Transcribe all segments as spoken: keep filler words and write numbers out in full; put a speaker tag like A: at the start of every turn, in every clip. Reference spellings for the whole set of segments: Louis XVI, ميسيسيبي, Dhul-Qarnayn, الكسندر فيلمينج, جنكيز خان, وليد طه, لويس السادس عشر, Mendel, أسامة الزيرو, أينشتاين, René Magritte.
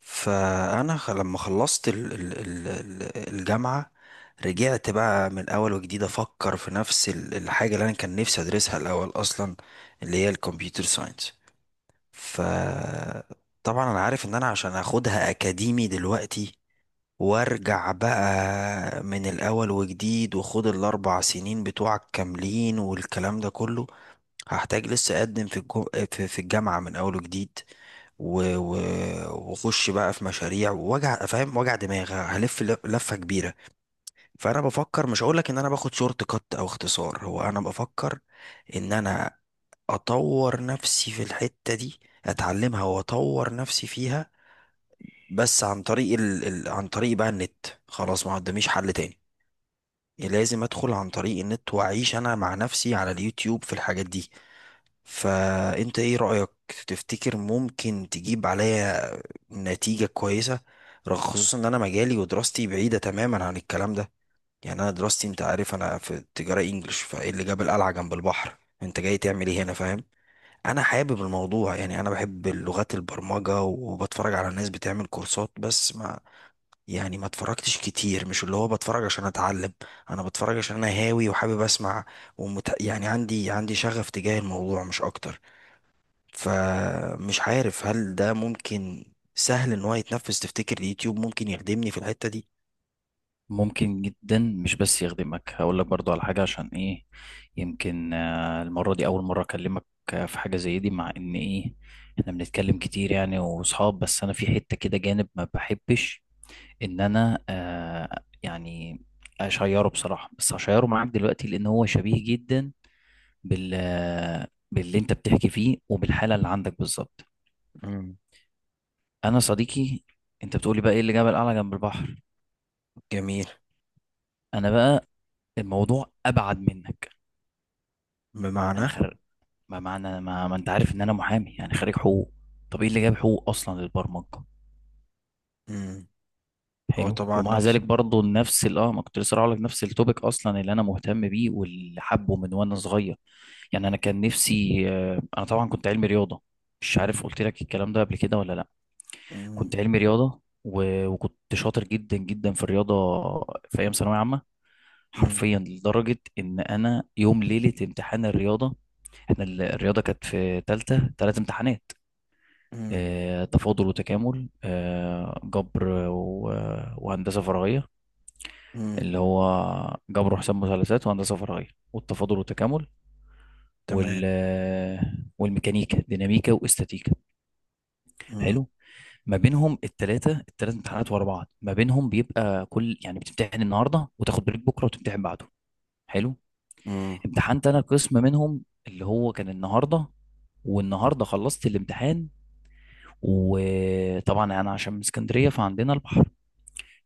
A: فانا خ- لما خلصت ال- ال- ال- ال- الجامعه، رجعت بقى من اول وجديد افكر في نفس ال- الحاجه اللي انا كان نفسي ادرسها الاول اصلا، اللي هي الكمبيوتر ساينس. ف طبعا انا عارف ان انا عشان اخدها اكاديمي دلوقتي وارجع بقى من الاول وجديد وخد الاربع سنين بتوعك كاملين والكلام ده كله، هحتاج لسه اقدم في الجو... في في الجامعه من اول وجديد و... و... واخش بقى في مشاريع ووجع، فاهم، وجع دماغ، هلف ل- لفه كبيره. فانا بفكر، مش هقول لك ان انا باخد شورت كات او اختصار، هو انا بفكر ان انا اطور نفسي في الحته دي، اتعلمها واطور نفسي فيها، بس عن طريق ال... ال... عن طريق بقى النت. خلاص ما قداميش حل تاني، لازم ادخل عن طريق النت واعيش انا مع نفسي على اليوتيوب في الحاجات دي. فانت ايه رأيك؟ تفتكر ممكن تجيب عليا نتيجة كويسة، رغم، خصوصا ان انا مجالي ودراستي بعيدة تماما عن الكلام ده؟ يعني انا دراستي، انت عارف انا في تجارة انجلش، فايه اللي جاب القلعة جنب البحر؟ انت جاي تعمل ايه هنا، فاهم؟ انا حابب الموضوع، يعني انا بحب لغات البرمجة وبتفرج على ناس بتعمل كورسات، بس ما، يعني ما اتفرجتش كتير، مش اللي هو بتفرج عشان اتعلم، انا بتفرج عشان انا هاوي وحابب اسمع. ومت... يعني عندي، عندي شغف تجاه الموضوع، مش اكتر. فمش عارف هل ده ممكن، سهل ان هو يتنفذ؟ تفتكر اليوتيوب ممكن يخدمني في الحتة دي؟
B: ممكن جدا، مش بس يخدمك، هقول لك برضو على حاجة. عشان ايه؟ يمكن آه، المرة دي أول مرة أكلمك. آه، في حاجة زي دي، مع إن ايه؟ احنا بنتكلم كتير يعني، وصحاب. بس أنا في حتة كده، جانب ما بحبش إن أنا آه يعني أشيره بصراحة، بس هشيره معاك دلوقتي، لأن هو شبيه جدا بال آه، باللي أنت بتحكي فيه وبالحالة اللي عندك بالظبط.
A: مم.
B: أنا صديقي، أنت بتقولي بقى ايه اللي جبل أعلى جنب البحر.
A: جميل.
B: أنا بقى، الموضوع أبعد منك. انا
A: بمعنى؟
B: خريج. ما معنى ما, ما انت عارف ان انا محامي، يعني خريج حقوق. طب ايه اللي جاب حقوق اصلا للبرمجه؟
A: مم. هو
B: حلو.
A: طبعا
B: ومع
A: نفس.
B: ذلك برضو نفس ال- اه ما كنت لسه هقول لك، نفس التوبيك اصلا اللي انا مهتم بيه، واللي حبه من وانا صغير. يعني انا كان نفسي آه، انا طبعا كنت علمي رياضه. مش عارف
A: مم.
B: قلت لك الكلام ده قبل كده ولا لا.
A: مم.
B: كنت علمي رياضه، و... وكنت شاطر جدا جدا في الرياضه، في ايام ثانويه عامه.
A: مم.
B: حرفيا، لدرجه ان انا يوم ليله امتحان الرياضه، احنا ال- الرياضه كانت في ثالثه ثلاث امتحانات.
A: مم.
B: آه، تفاضل وتكامل، آه، جبر و- وهندسة فراغية.
A: مم.
B: اللي هو جبر وحساب مثلثات وهندسة فراغية والتفاضل والتكامل،
A: تمام.
B: وال والميكانيكا، ديناميكا، واستاتيكا.
A: مم.
B: حلو. ما بينهم التلاتة التلات امتحانات ورا بعض، ما بينهم بيبقى كل يعني، بتمتحن النهاردة وتاخد بريك بكرة وتمتحن بعده. حلو.
A: مم.
B: امتحنت انا قسم منهم اللي هو كان النهاردة، والنهاردة خلصت الامتحان. وطبعا انا عشان من اسكندرية، فعندنا البحر.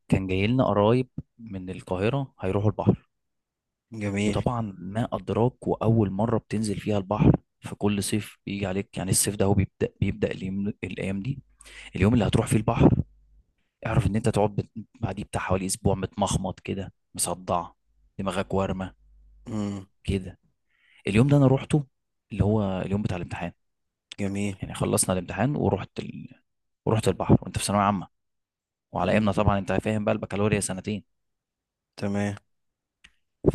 B: كان جاي لنا قرايب من القاهرة هيروحوا البحر.
A: جميل.
B: وطبعا ما أدراك، وأول مرة بتنزل فيها البحر، في كل صيف بيجي عليك يعني، الصيف ده هو بيبدأ بيبدأ اليوم، الأيام دي، اليوم اللي هتروح فيه البحر، اعرف إن أنت تقعد بت- بعديه بتاع حوالي أسبوع، متمخمط كده، مصدع دماغك وارمة
A: مم.
B: كده. اليوم ده أنا روحته، اللي هو اليوم بتاع الامتحان.
A: جميل.
B: يعني خلصنا الامتحان ورحت ال... ورحت البحر، وأنت في ثانوية عامة، وعلى
A: مم.
B: أيامنا طبعا أنت فاهم بقى البكالوريا سنتين.
A: تمام.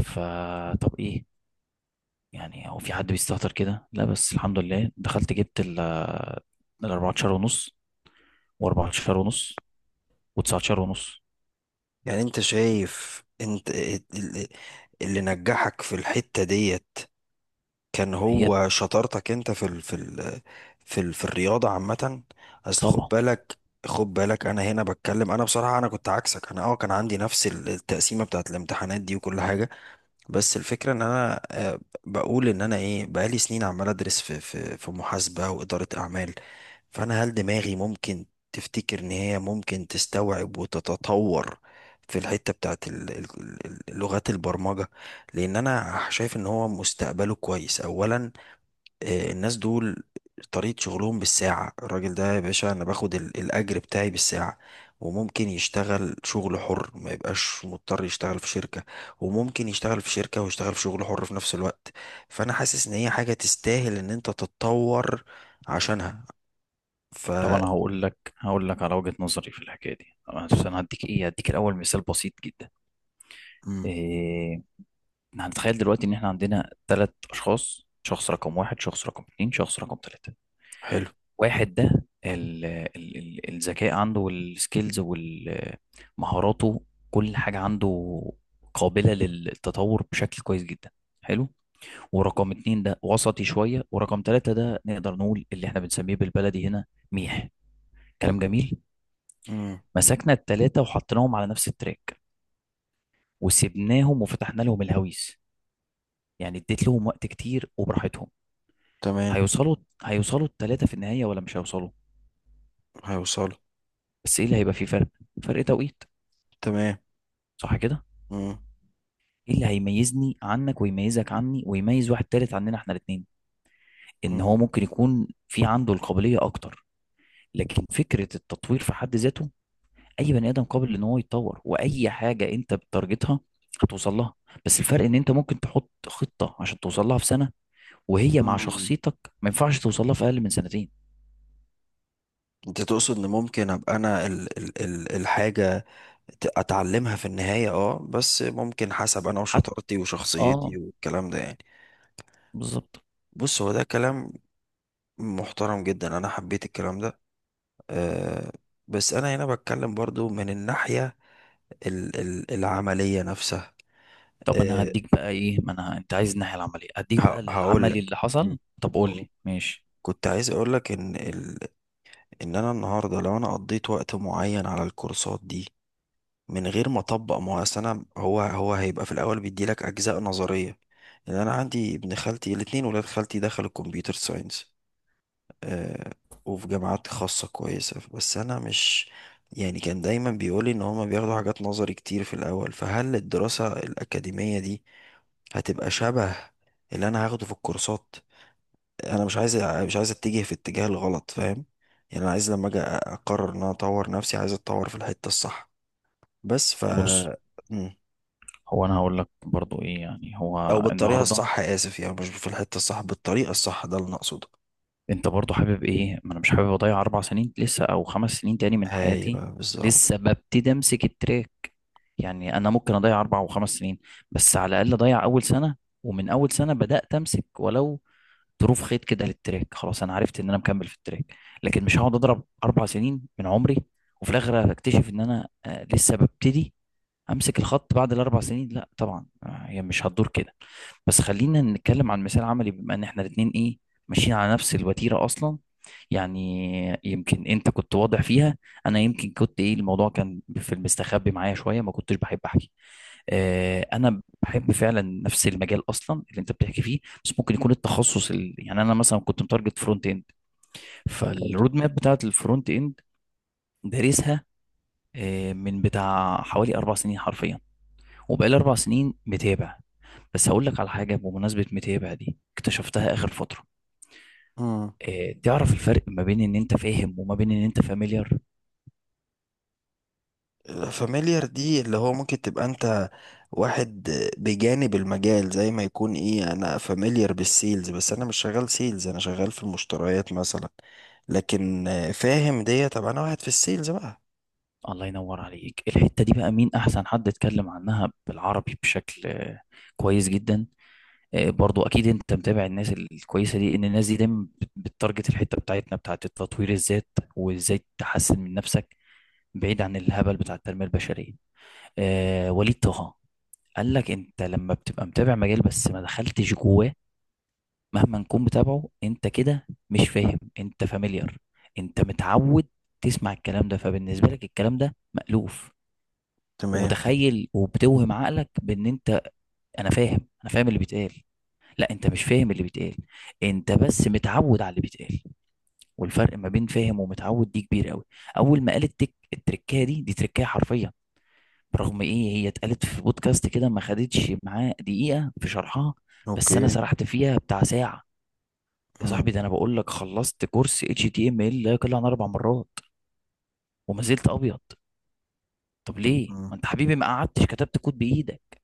B: فطب إيه يعني، هو في حد بيستهتر كده؟ لا، بس الحمد لله دخلت، جبت ال ال أربعتاشر ونص، و14 ونص، و19 ونص.
A: يعني انت شايف انت ال- ال- اللي نجحك في الحتة ديت كان
B: هي.
A: هو شطارتك انت في ال في ال في ال في الرياضه عامه؟ اصل خد
B: طبعا
A: بالك، خد بالك انا هنا بتكلم. انا بصراحه انا كنت عكسك. انا اه كان عندي نفس التقسيمه بتاعت الامتحانات دي وكل حاجه، بس الفكرة ان انا آه، بقول ان انا ايه، بقالي سنين عمال ادرس في في في محاسبة وإدارة اعمال. فانا هل دماغي ممكن، تفتكر ان هي ممكن تستوعب وتتطور في الحتة بتاعت ال- ال- ال- لغات البرمجة؟ لان انا شايف ان هو مستقبله كويس اولا. آه، الناس دول طريقة شغلهم بالساعة. الراجل ده يا باشا أنا باخد ال- الأجر بتاعي بالساعة، وممكن يشتغل شغل حر، ما يبقاش مضطر يشتغل في شركة، وممكن يشتغل في شركة ويشتغل في شغل حر في نفس الوقت. فأنا حاسس إن هي حاجة تستاهل إن أنت تتطور عشانها. ف
B: طبعا، هقول لك هقول لك على وجهة نظري في الحكايه دي طبعاً، بس
A: مم.
B: انا هديك ايه هديك الاول مثال بسيط جدا.
A: مم.
B: إيه، هنتخيل دلوقتي ان احنا عندنا ثلاث اشخاص: شخص رقم واحد، شخص رقم اتنين، شخص رقم تلاتة.
A: حلو.
B: واحد ده ال- ال- ال- الذكاء عنده والسكيلز ومهاراته، كل حاجة عنده قابلة للتطور بشكل كويس جدا. حلو. ورقم اتنين ده وسطي شوية، ورقم تلاتة ده نقدر نقول اللي احنا بنسميه بالبلدي هنا ميح. كلام جميل.
A: مم.
B: مسكنا التلاتة وحطيناهم على نفس التراك، وسبناهم وفتحنا لهم الهويس، يعني اديت لهم وقت كتير وبراحتهم.
A: تمام.
B: هيوصلوا هيوصلوا التلاتة في النهاية، ولا مش هيوصلوا؟
A: هيوصل.
B: بس ايه اللي هيبقى فيه فرق؟ فرق توقيت.
A: تمام.
B: صح كده؟
A: مم.
B: ايه اللي هيميزني عنك، ويميزك عني، ويميز واحد تالت عننا احنا الاتنين؟ ان
A: مم.
B: هو ممكن يكون في عنده القابلية اكتر. لكن فكرة التطوير في حد ذاته، اي بني ادم قابل ان هو يتطور، واي حاجة انت بتارجتها هتوصل لها. بس الفرق ان انت ممكن تحط خطة عشان توصل لها في سنة، وهي مع
A: آه.
B: شخصيتك ما ينفعش توصل لها في اقل من سنتين.
A: انت تقصد ان ممكن ابقى انا ال ال ال الحاجة ت- اتعلمها في النهاية، اه، بس ممكن حسب انا
B: حتى.
A: وشطارتي
B: اه.
A: وشخصيتي والكلام ده، يعني؟
B: بالظبط.
A: بص، هو ده كلام محترم جدا، انا حبيت الكلام ده. أه. بس انا هنا بتكلم برضو من الناحية ال ال العملية نفسها.
B: طب انا
A: أه،
B: هديك بقى ايه، ما انا انت عايز الناحية العملية، هديك بقى
A: هقول
B: العملي
A: لك.
B: اللي حصل. طب قول لي ماشي.
A: كنت عايز اقول لك ان ال ان انا النهاردة لو انا قضيت وقت معين على الكورسات دي من غير ما اطبق، ما هو أصل انا، هو هو هيبقى في الاول بيديلك اجزاء نظريه. يعني انا عندي ابن خالتي، الاثنين ولاد خالتي دخلوا الكمبيوتر ساينس، آه، وفي جامعات خاصه كويسه، بس انا مش، يعني كان دايما بيقولي ان هما بياخدوا حاجات نظري كتير في الاول. فهل الدراسه الاكاديميه دي هتبقى شبه اللي انا هاخده في الكورسات؟ انا مش عايز، مش عايز اتجه في الاتجاه الغلط، فاهم؟ يعني انا عايز لما اجي اقرر ان انا اطور نفسي، عايز اتطور في الحته الصح. بس ف
B: بص، هو انا هقول لك برضو ايه يعني،
A: او
B: هو
A: بالطريقه
B: النهارده
A: الصح، اسف، يعني مش في الحته الصح، بالطريقه الصح، ده اللي انا اقصده.
B: انت برضو حابب ايه؟ ما انا مش حابب اضيع اربع سنين لسه، او خمس سنين تاني من حياتي،
A: ايوه
B: لسه
A: بالظبط.
B: ببتدي امسك التراك. يعني انا ممكن اضيع اربع وخمس سنين، بس على الاقل اضيع اول سنه، ومن اول سنه بدات امسك، ولو ظروف خيط كده للتراك، خلاص انا عرفت ان انا مكمل في التراك. لكن مش هقعد اضرب اربع سنين من عمري وفي الاخر اكتشف ان انا آه، لسه ببتدي امسك الخط بعد الاربع سنين. لا طبعا، آه، هي مش هتدور كده. بس خلينا نتكلم عن مثال عملي، بما ان احنا الاتنين ايه ماشيين على نفس الوتيره اصلا. يعني يمكن انت كنت واضح فيها، انا يمكن كنت ايه الموضوع كان في المستخبي معايا شويه، ما كنتش بحب احكي. آه، انا بحب فعلا نفس المجال اصلا اللي انت بتحكي فيه. بس ممكن يكون التخصص ال... يعني انا مثلا كنت متارجت فرونت اند.
A: حلو.
B: فالرود ماب بتاعت الفرونت اند دارسها آه، من بتاع حوالي اربع سنين حرفيا، وبقالي أربع سنين متابع. بس هقول لك على حاجة، بمناسبة متابع دي اكتشفتها آخر فترة.
A: امم.
B: اه، تعرف الفرق ما بين إن أنت فاهم وما بين إن أنت فاميليار؟
A: فاميليار دي اللي هو ممكن تبقى انت واحد بجانب المجال، زي ما يكون ايه، انا فاميليار بالسيلز بس انا مش شغال سيلز، انا شغال في المشتريات مثلا. لكن آه، فاهم دي طب انا واحد في السيلز بقى.
B: الله ينور عليك. الحتة دي بقى مين أحسن حد اتكلم عنها بالعربي بشكل آه، كويس جدا. آه، برضو أكيد أنت متابع الناس الكويسة دي، إن الناس دي دايما بت- بتتارجت الحتة بتاعتنا بتاعت تطوير الذات، وإزاي تحسن من نفسك، بعيد عن الهبل بتاع التنمية البشرية. آه، وليد طه قال لك: انت لما بتبقى متابع مجال بس ما دخلتش جواه، مهما نكون بتابعه، انت كده مش فاهم، انت فاميليار. انت متعود تسمع الكلام ده، فبالنسبة لك الكلام ده مألوف،
A: تمام.
B: ومتخيل، وبتوهم عقلك بان انت: انا فاهم، انا فاهم اللي بيتقال. لا، انت مش فاهم اللي بيتقال، انت بس متعود على اللي بيتقال، والفرق ما بين فاهم ومتعود دي كبير قوي. اول ما قال التك التركية دي، دي تركية حرفيا، برغم ايه هي اتقالت في بودكاست كده، ما خدتش معاه دقيقة في شرحها، بس
A: اوكي.
B: انا سرحت فيها بتاع ساعة. يا صاحبي،
A: امم.
B: ده انا بقول لك خلصت كورس اتش تي ام ال لا يقل عن اربع مرات، وما زلت ابيض. طب ليه؟
A: امم.
B: ما انت حبيبي ما قعدتش كتبت كود بايدك.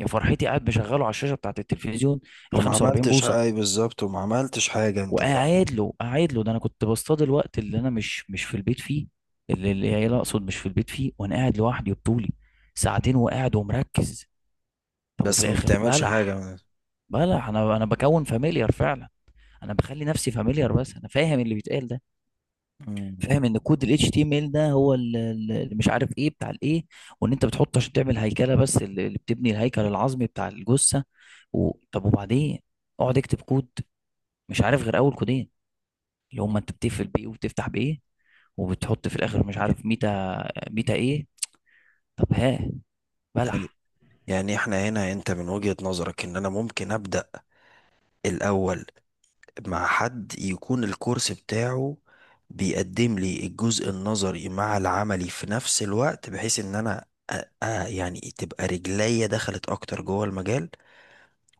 B: يا فرحتي، قاعد مشغله على الشاشه بتاعت التلفزيون ال
A: وما
B: خمسة وأربعين
A: عملتش
B: بوصه،
A: حاجة، أي بالظبط، وما عملتش حاجة انت بقى.
B: وقاعد له قاعد له، ده انا كنت بصطاد الوقت اللي انا مش مش في البيت فيه، اللي العيال اقصد مش في البيت فيه، وانا قاعد لوحدي وبطولي ساعتين، وقاعد ومركز. طب وفي
A: بس ما
B: الاخر
A: بتعملش
B: بلح.
A: حاجة.
B: بلح. انا انا بكون فاميليار فعلا، انا بخلي نفسي فاميليار، بس انا فاهم اللي بيتقال ده؟ فاهم ان كود ال إتش تي إم إل ده هو ال- ال- اللي مش عارف ايه بتاع الايه، وان انت بتحطه عشان تعمل هيكله، بس ال- اللي بتبني الهيكل العظمي بتاع الجثه. و... طب وبعدين، اقعد اكتب كود، مش عارف غير اول كودين، اللي
A: امم.
B: هما انت بتقفل بايه وبتفتح بايه، وبتحط في الاخر مش عارف ميتا، ميتا ايه؟ طب ها؟ بلح.
A: يعني احنا هنا، انت من وجهة نظرك ان انا ممكن ابدأ الاول مع حد يكون الكورس بتاعه بيقدم لي الجزء النظري مع العملي في نفس الوقت، بحيث ان انا أ- أ- يعني تبقى رجليا دخلت اكتر جوه المجال.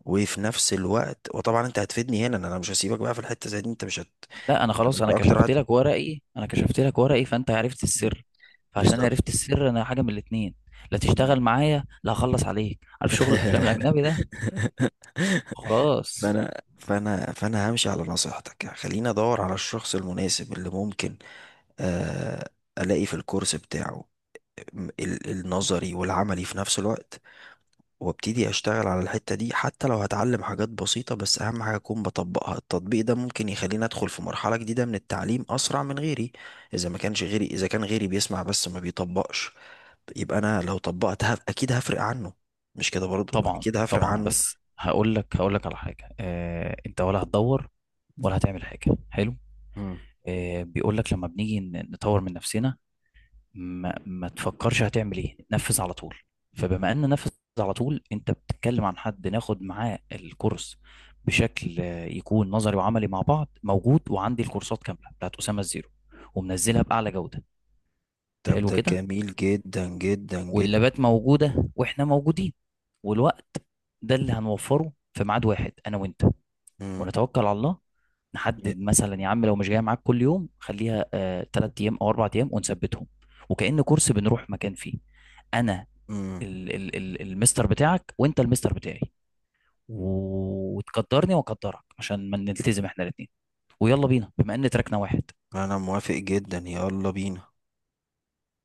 A: وفي نفس الوقت، وطبعا انت هتفيدني هنا، إن انا مش هسيبك بقى في الحتة زي دي، انت مش هت...
B: لا انا
A: يبقى
B: خلاص،
A: انت
B: انا
A: اكتر
B: كشفت
A: واحد.
B: لك ورقي، انا كشفت لك ورقي، فانت عرفت
A: مم.
B: السر. فعشان
A: بالظبط.
B: عرفت السر انا حاجه من الاتنين: لا
A: مم.
B: تشتغل معايا، لا هخلص عليك، عارف شغل الافلام الاجنبي ده؟ خلاص.
A: فانا فانا فانا همشي على نصيحتك، يعني خليني ادور على الشخص المناسب اللي ممكن، آه، الاقي في الكورس بتاعه م- ال- النظري والعملي في نفس الوقت، وابتدي اشتغل على الحتة دي. حتى لو هتعلم حاجات بسيطة، بس اهم حاجة اكون بطبقها. التطبيق ده ممكن يخليني ادخل في مرحلة جديدة من التعليم اسرع من غيري. اذا ما كانش غيري، اذا كان غيري بيسمع بس ما بيطبقش، يبقى انا لو طبقت هف- اكيد هفرق عنه. مش كده برضو؟
B: طبعا
A: اكيد هفرق
B: طبعا،
A: عنه.
B: بس هقول لك هقول لك على حاجه، آه، انت ولا هتدور ولا هتعمل حاجه؟ حلو.
A: مم.
B: آه، بيقول لك لما بنيجي ن- نطور من نفسنا، ما, ما تفكرش هتعمل ايه، نفذ على طول. فبما ان نفذ على طول، انت بتتكلم عن حد ناخد معاه الكورس بشكل آه، يكون نظري وعملي مع بعض، موجود، وعندي الكورسات كامله بتاعت اسامه الزيرو ومنزلها باعلى جوده.
A: طب
B: حلو
A: ده
B: كده.
A: جميل جدا جدا جدا.
B: واللابات موجوده، واحنا موجودين، والوقت ده اللي هنوفره في ميعاد واحد انا وانت،
A: مم.
B: ونتوكل على الله.
A: ي-
B: نحدد مثلا، يا عم لو مش جاي معاك كل يوم، خليها تلات أيام او أربع أيام ونثبتهم، وكأن كورس بنروح مكان فيه. انا
A: مم.
B: ال ال ال المستر بتاعك وانت المستر بتاعي، و- وتقدرني واقدرك عشان ما نلتزم احنا الاثنين، ويلا بينا بما ان تراكنا واحد.
A: انا موافق جدا، يلا بينا.